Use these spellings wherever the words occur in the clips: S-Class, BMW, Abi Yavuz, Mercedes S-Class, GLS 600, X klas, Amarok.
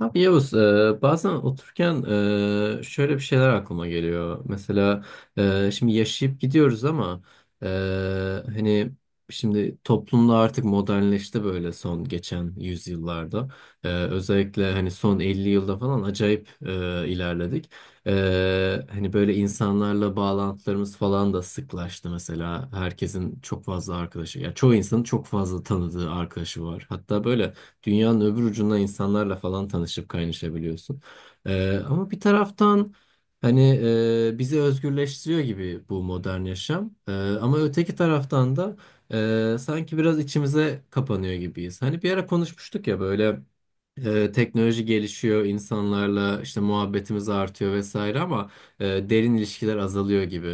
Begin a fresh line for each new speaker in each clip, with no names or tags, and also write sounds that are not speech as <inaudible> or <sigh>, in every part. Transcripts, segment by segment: Abi Yavuz, bazen otururken şöyle bir şeyler aklıma geliyor. Mesela şimdi yaşayıp gidiyoruz ama e, hani şimdi toplumda artık modernleşti böyle son geçen yüzyıllarda. Özellikle hani son 50 yılda falan acayip ilerledik. Hani böyle insanlarla bağlantılarımız falan da sıklaştı mesela. Herkesin çok fazla arkadaşı, ya çoğu insanın çok fazla tanıdığı arkadaşı var. Hatta böyle dünyanın öbür ucunda insanlarla falan tanışıp kaynaşabiliyorsun. Ama bir taraftan hani bizi özgürleştiriyor gibi bu modern yaşam. Ama öteki taraftan da sanki biraz içimize kapanıyor gibiyiz. Hani bir ara konuşmuştuk ya böyle teknoloji gelişiyor, insanlarla işte muhabbetimiz artıyor vesaire ama derin ilişkiler azalıyor gibi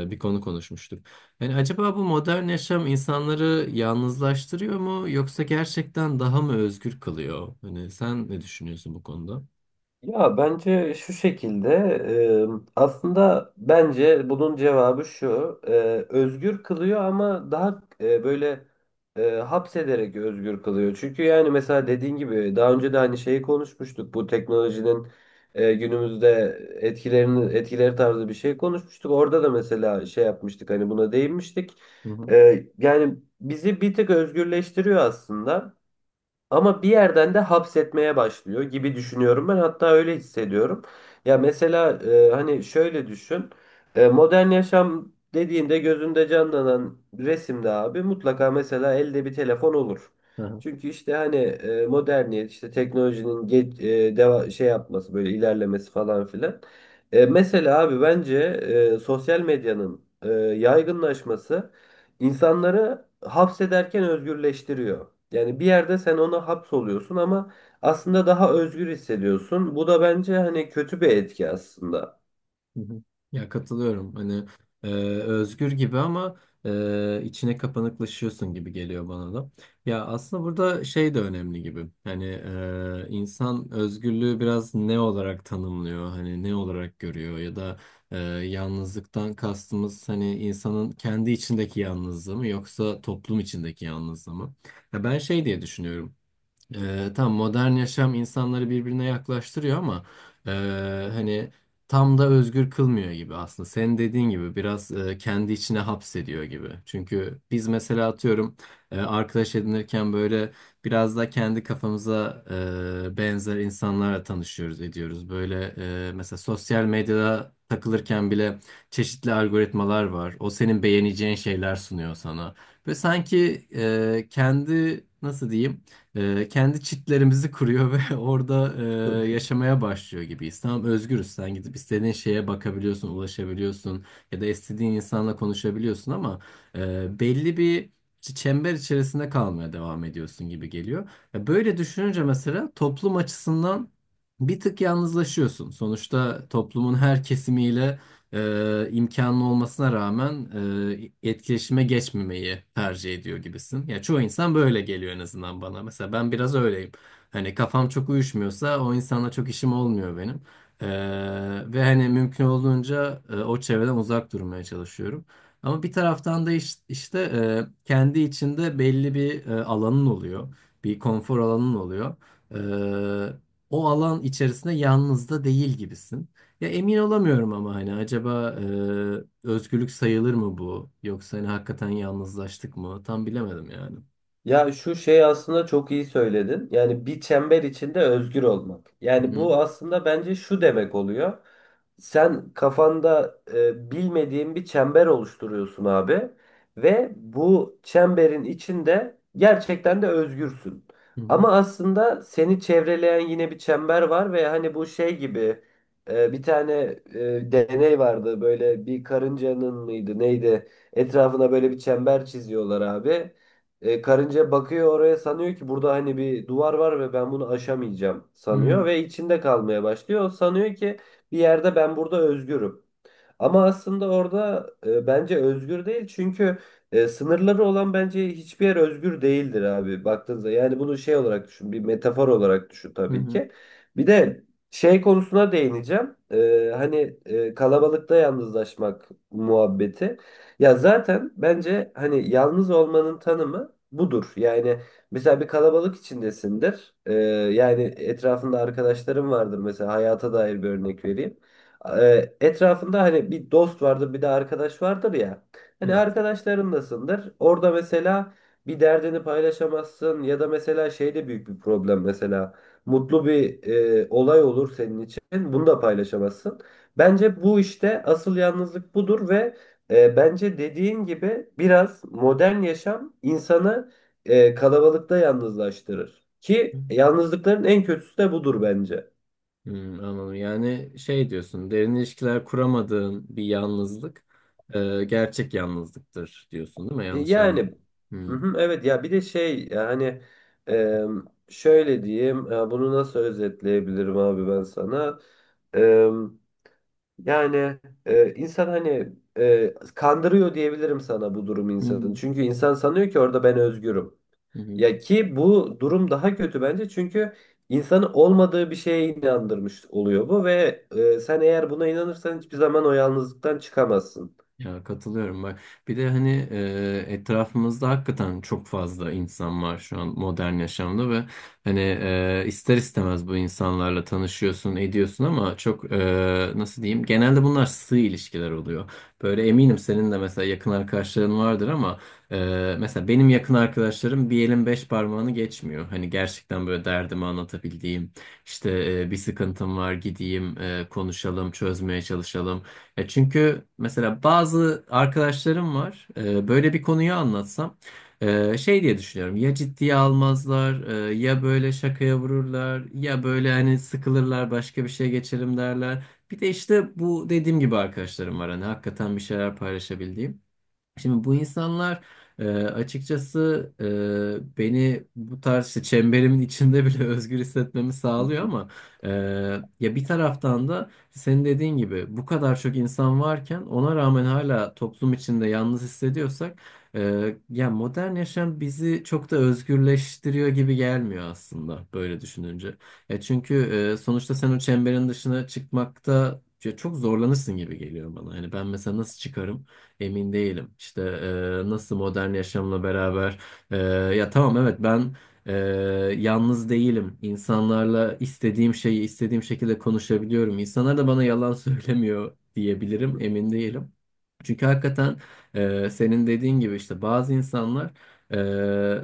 bir konu konuşmuştuk. Yani acaba bu modern yaşam insanları yalnızlaştırıyor mu yoksa gerçekten daha mı özgür kılıyor? Hani sen ne düşünüyorsun bu konuda?
Ya bence şu şekilde aslında bence bunun cevabı şu özgür kılıyor ama daha böyle hapsederek özgür kılıyor. Çünkü yani mesela dediğin gibi daha önce de hani şeyi konuşmuştuk bu teknolojinin günümüzde etkileri tarzı bir şey konuşmuştuk. Orada da mesela şey yapmıştık hani buna değinmiştik.
Hı hı.
Yani bizi bir tık özgürleştiriyor aslında. Ama bir yerden de hapsetmeye başlıyor gibi düşünüyorum ben. Hatta öyle hissediyorum. Ya mesela hani şöyle düşün. Modern yaşam dediğinde gözünde canlanan resimde abi mutlaka mesela elde bir telefon olur. Çünkü işte hani moderniyet işte teknolojinin şey yapması böyle ilerlemesi falan filan. Mesela abi bence sosyal medyanın yaygınlaşması İnsanları hapsederken özgürleştiriyor. Yani bir yerde sen ona hapsoluyorsun ama aslında daha özgür hissediyorsun. Bu da bence hani kötü bir etki aslında.
Hı hı. Ya katılıyorum. Hani e, özgür gibi ama içine kapanıklaşıyorsun gibi geliyor bana da. Ya aslında burada şey de önemli gibi. Hani insan özgürlüğü biraz ne olarak tanımlıyor? Hani ne olarak görüyor? Ya da e, yalnızlıktan kastımız hani insanın kendi içindeki yalnızlığı mı yoksa toplum içindeki yalnızlığı mı? Ya ben şey diye düşünüyorum. Tam modern yaşam insanları birbirine yaklaştırıyor ama e, hani tam da özgür kılmıyor gibi aslında. Senin dediğin gibi biraz kendi içine hapsediyor gibi. Çünkü biz mesela atıyorum arkadaş edinirken böyle biraz da kendi kafamıza benzer insanlarla tanışıyoruz, ediyoruz. Böyle mesela sosyal medyada takılırken bile çeşitli algoritmalar var. O senin beğeneceğin şeyler sunuyor sana. Ve sanki kendi nasıl diyeyim? Kendi çitlerimizi kuruyor ve <laughs> orada yaşamaya başlıyor gibiyiz. Tamam özgürüz. Sen gidip istediğin şeye bakabiliyorsun, ulaşabiliyorsun ya da istediğin insanla konuşabiliyorsun ama belli bir çember içerisinde kalmaya devam ediyorsun gibi geliyor. Ya böyle düşününce mesela toplum açısından bir tık yalnızlaşıyorsun. Sonuçta toplumun her kesimiyle imkanlı olmasına rağmen etkileşime geçmemeyi tercih ediyor gibisin. Ya çoğu insan böyle geliyor en azından bana. Mesela ben biraz öyleyim. Hani kafam çok uyuşmuyorsa o insanla çok işim olmuyor benim. E, Ve hani mümkün olduğunca o çevreden uzak durmaya çalışıyorum. Ama bir taraftan da işte kendi içinde belli bir alanın oluyor. Bir konfor alanın oluyor. E, O alan içerisinde yalnız da değil gibisin. Ya emin olamıyorum ama hani acaba özgürlük sayılır mı bu? Yoksa hani hakikaten yalnızlaştık mı? Tam bilemedim yani.
Ya şu şey aslında çok iyi söyledin. Yani bir çember içinde özgür olmak.
Hı
Yani
hı
bu aslında bence şu demek oluyor. Sen kafanda bilmediğin bir çember oluşturuyorsun abi ve bu çemberin içinde gerçekten de özgürsün.
hı.
Ama aslında seni çevreleyen yine bir çember var ve hani bu şey gibi bir tane deney vardı böyle bir karıncanın mıydı neydi etrafına böyle bir çember çiziyorlar abi. Karınca bakıyor, oraya sanıyor ki burada hani bir duvar var ve ben bunu aşamayacağım sanıyor
Hı
ve içinde kalmaya başlıyor. O sanıyor ki bir yerde ben burada özgürüm. Ama aslında orada bence özgür değil, çünkü sınırları olan bence hiçbir yer özgür değildir abi, baktığınızda. Yani bunu şey olarak düşün, bir metafor olarak düşün
hı.
tabii
Hı.
ki. Bir de şey konusuna değineceğim. Hani kalabalıkta yalnızlaşmak muhabbeti. Ya zaten bence hani yalnız olmanın tanımı budur. Yani mesela bir kalabalık içindesindir. Yani etrafında arkadaşlarım vardır, mesela hayata dair bir örnek vereyim. Etrafında hani bir dost vardır, bir de arkadaş vardır ya. Hani
Evet.
arkadaşlarındasındır. Orada mesela bir derdini paylaşamazsın ya da mesela şey de büyük bir problem mesela. Mutlu bir olay olur senin için. Bunu da paylaşamazsın. Bence bu işte asıl yalnızlık budur ve bence dediğin gibi biraz modern yaşam insanı kalabalıkta yalnızlaştırır.
Hı.
Ki yalnızlıkların en kötüsü de budur bence.
Hmm, anladım. Yani şey diyorsun, derin ilişkiler kuramadığın bir yalnızlık gerçek yalnızlıktır diyorsun değil mi? Yanlış anlamadım.
Yani hı
Hı
hı, evet, ya bir de şey yani e, şöyle diyeyim, bunu nasıl özetleyebilirim abi ben sana. E, Yani insan hani kandırıyor diyebilirim sana bu durum
hı.
insanın, çünkü insan sanıyor ki orada ben özgürüm,
Hı. Hı.
ya ki bu durum daha kötü bence, çünkü insanı olmadığı bir şeye inandırmış oluyor bu ve sen eğer buna inanırsan hiçbir zaman o yalnızlıktan çıkamazsın.
Ya katılıyorum bak. Bir de hani etrafımızda hakikaten çok fazla insan var şu an modern yaşamda ve hani ister istemez bu insanlarla tanışıyorsun, ediyorsun ama çok nasıl diyeyim? Genelde bunlar sığ ilişkiler oluyor. Böyle eminim senin de mesela yakın arkadaşların vardır ama mesela benim yakın arkadaşlarım bir elin beş parmağını geçmiyor. Hani gerçekten böyle derdimi anlatabildiğim, işte bir sıkıntım var gideyim, konuşalım, çözmeye çalışalım. Ya çünkü mesela bazı arkadaşlarım var. Böyle bir konuyu anlatsam şey diye düşünüyorum. Ya ciddiye almazlar, ya böyle şakaya vururlar, ya böyle hani sıkılırlar, başka bir şeye geçelim derler. Bir de işte bu dediğim gibi arkadaşlarım var hani hakikaten bir şeyler paylaşabildiğim. Şimdi bu insanlar açıkçası beni bu tarz işte çemberimin içinde bile <laughs> özgür hissetmemi sağlıyor ama e, ya bir taraftan da senin dediğin gibi bu kadar çok insan varken ona rağmen hala toplum içinde yalnız hissediyorsak ya modern yaşam bizi çok da özgürleştiriyor gibi gelmiyor aslında böyle düşününce. Ya çünkü sonuçta sen o çemberin dışına çıkmakta ya çok zorlanırsın gibi geliyor bana. Hani ben mesela nasıl çıkarım? Emin değilim. İşte nasıl modern yaşamla beraber e, ya tamam evet ben e, yalnız değilim. İnsanlarla istediğim şeyi istediğim şekilde konuşabiliyorum. İnsanlar da bana yalan <laughs> söylemiyor diyebilirim. Emin değilim. Çünkü hakikaten senin dediğin gibi işte bazı insanlar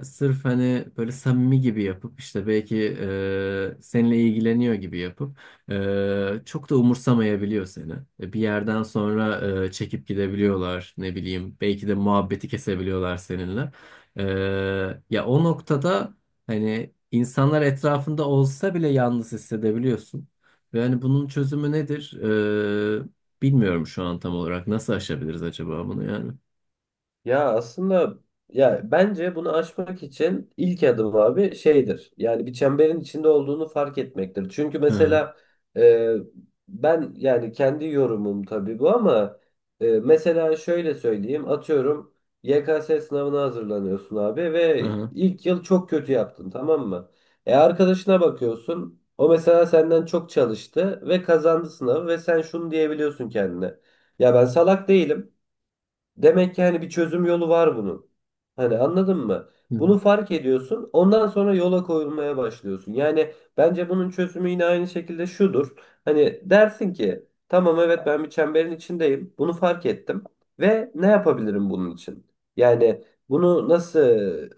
sırf hani böyle samimi gibi yapıp işte belki seninle ilgileniyor gibi yapıp çok da umursamayabiliyor seni. Bir yerden sonra çekip gidebiliyorlar, ne bileyim, belki de muhabbeti kesebiliyorlar seninle. Ee, ya o noktada hani insanlar etrafında olsa bile yalnız hissedebiliyorsun. Ve hani bunun çözümü nedir? Bilmiyorum şu an tam olarak. Nasıl aşabiliriz acaba bunu yani?
Ya aslında ya bence bunu aşmak için ilk adım abi şeydir. Yani bir çemberin içinde olduğunu fark etmektir. Çünkü
Hı hı.
mesela e, ben yani kendi yorumum tabii bu, ama mesela şöyle söyleyeyim, atıyorum YKS sınavına hazırlanıyorsun abi
Hı
ve
hı.
ilk yıl çok kötü yaptın, tamam mı? E arkadaşına bakıyorsun, o mesela senden çok çalıştı ve kazandı sınavı ve sen şunu diyebiliyorsun kendine. Ya ben salak değilim. Demek ki hani bir çözüm yolu var bunun. Hani anladın mı?
Hı hı.
Bunu fark ediyorsun. Ondan sonra yola koyulmaya başlıyorsun. Yani bence bunun çözümü yine aynı şekilde şudur. Hani dersin ki tamam evet ben bir çemberin içindeyim. Bunu fark ettim. Ve ne yapabilirim bunun için? Yani bunu nasıl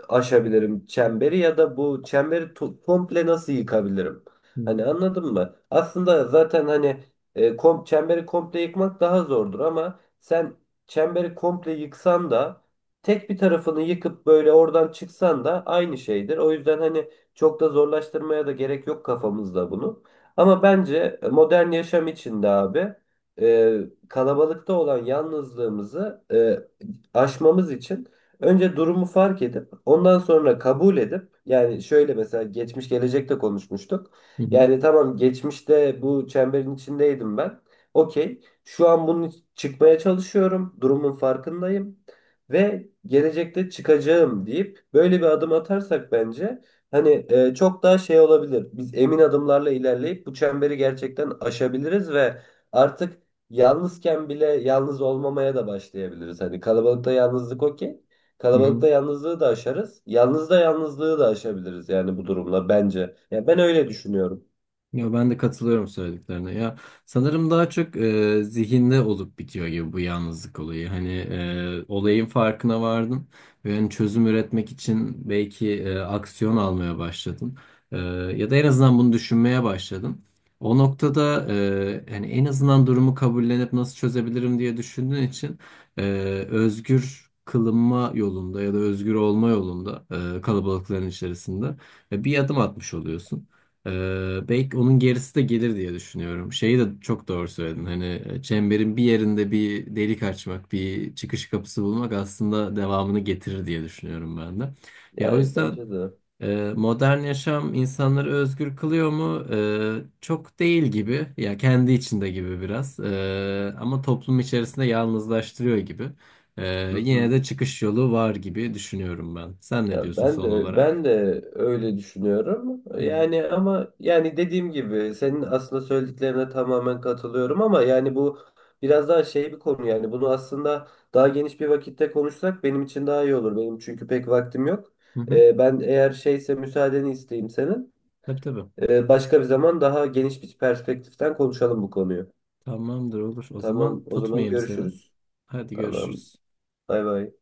aşabilirim çemberi ya da bu çemberi komple nasıl yıkabilirim? Hani anladın mı? Aslında zaten hani e, kom çemberi komple yıkmak daha zordur, ama sen çemberi komple yıksan da tek bir tarafını yıkıp böyle oradan çıksan da aynı şeydir. O yüzden hani çok da zorlaştırmaya da gerek yok kafamızda bunu. Ama bence modern yaşam içinde abi e, kalabalıkta olan yalnızlığımızı aşmamız için önce durumu fark edip ondan sonra kabul edip, yani şöyle mesela geçmiş gelecekte konuşmuştuk.
Hı hı.
Yani tamam geçmişte bu çemberin içindeydim ben. Okey. Şu an bunu çıkmaya çalışıyorum. Durumun farkındayım. Ve gelecekte çıkacağım deyip böyle bir adım atarsak bence hani çok daha şey olabilir. Biz emin adımlarla ilerleyip bu çemberi gerçekten aşabiliriz ve artık yalnızken bile yalnız olmamaya da başlayabiliriz. Hani kalabalıkta yalnızlık, okey.
Hı hı.
Kalabalıkta yalnızlığı da aşarız. Yalnız da yalnızlığı da aşabiliriz yani bu durumla, bence. Ya ben öyle düşünüyorum.
Ya ben de katılıyorum söylediklerine. Ya sanırım daha çok zihinde olup bitiyor gibi bu yalnızlık olayı. Hani olayın farkına vardın ve hani çözüm üretmek için belki aksiyon almaya başladın. E, Ya da en azından bunu düşünmeye başladın. O noktada hani en azından durumu kabullenip nasıl çözebilirim diye düşündüğün için e, özgür kılınma yolunda ya da özgür olma yolunda kalabalıkların içerisinde bir adım atmış oluyorsun. Belki onun gerisi de gelir diye düşünüyorum. Şeyi de çok doğru söyledin. Hani çemberin bir yerinde bir delik açmak, bir çıkış kapısı bulmak aslında devamını getirir diye düşünüyorum ben de. Ya o
Yani
yüzden
bence de.
modern yaşam insanları özgür kılıyor mu? Çok değil gibi. Ya kendi içinde gibi biraz. Ama toplum içerisinde yalnızlaştırıyor gibi.
Hı
Yine
hı.
de çıkış yolu var gibi düşünüyorum ben. Sen ne
Ya
diyorsun
ben
son
de ben
olarak?
de öyle düşünüyorum.
Hı
Yani ama yani dediğim gibi senin aslında söylediklerine tamamen katılıyorum, ama yani bu biraz daha şey bir konu, yani bunu aslında daha geniş bir vakitte konuşsak benim için daha iyi olur. Benim çünkü pek vaktim yok.
hı. Hı.
Ben eğer şeyse müsaadeni isteyeyim senin.
Tabii tabii.
Başka bir zaman daha geniş bir perspektiften konuşalım bu konuyu.
Tamamdır olur. O
Tamam,
zaman
o zaman
tutmayayım seni.
görüşürüz.
Hadi
Tamam.
görüşürüz.
Bay bay.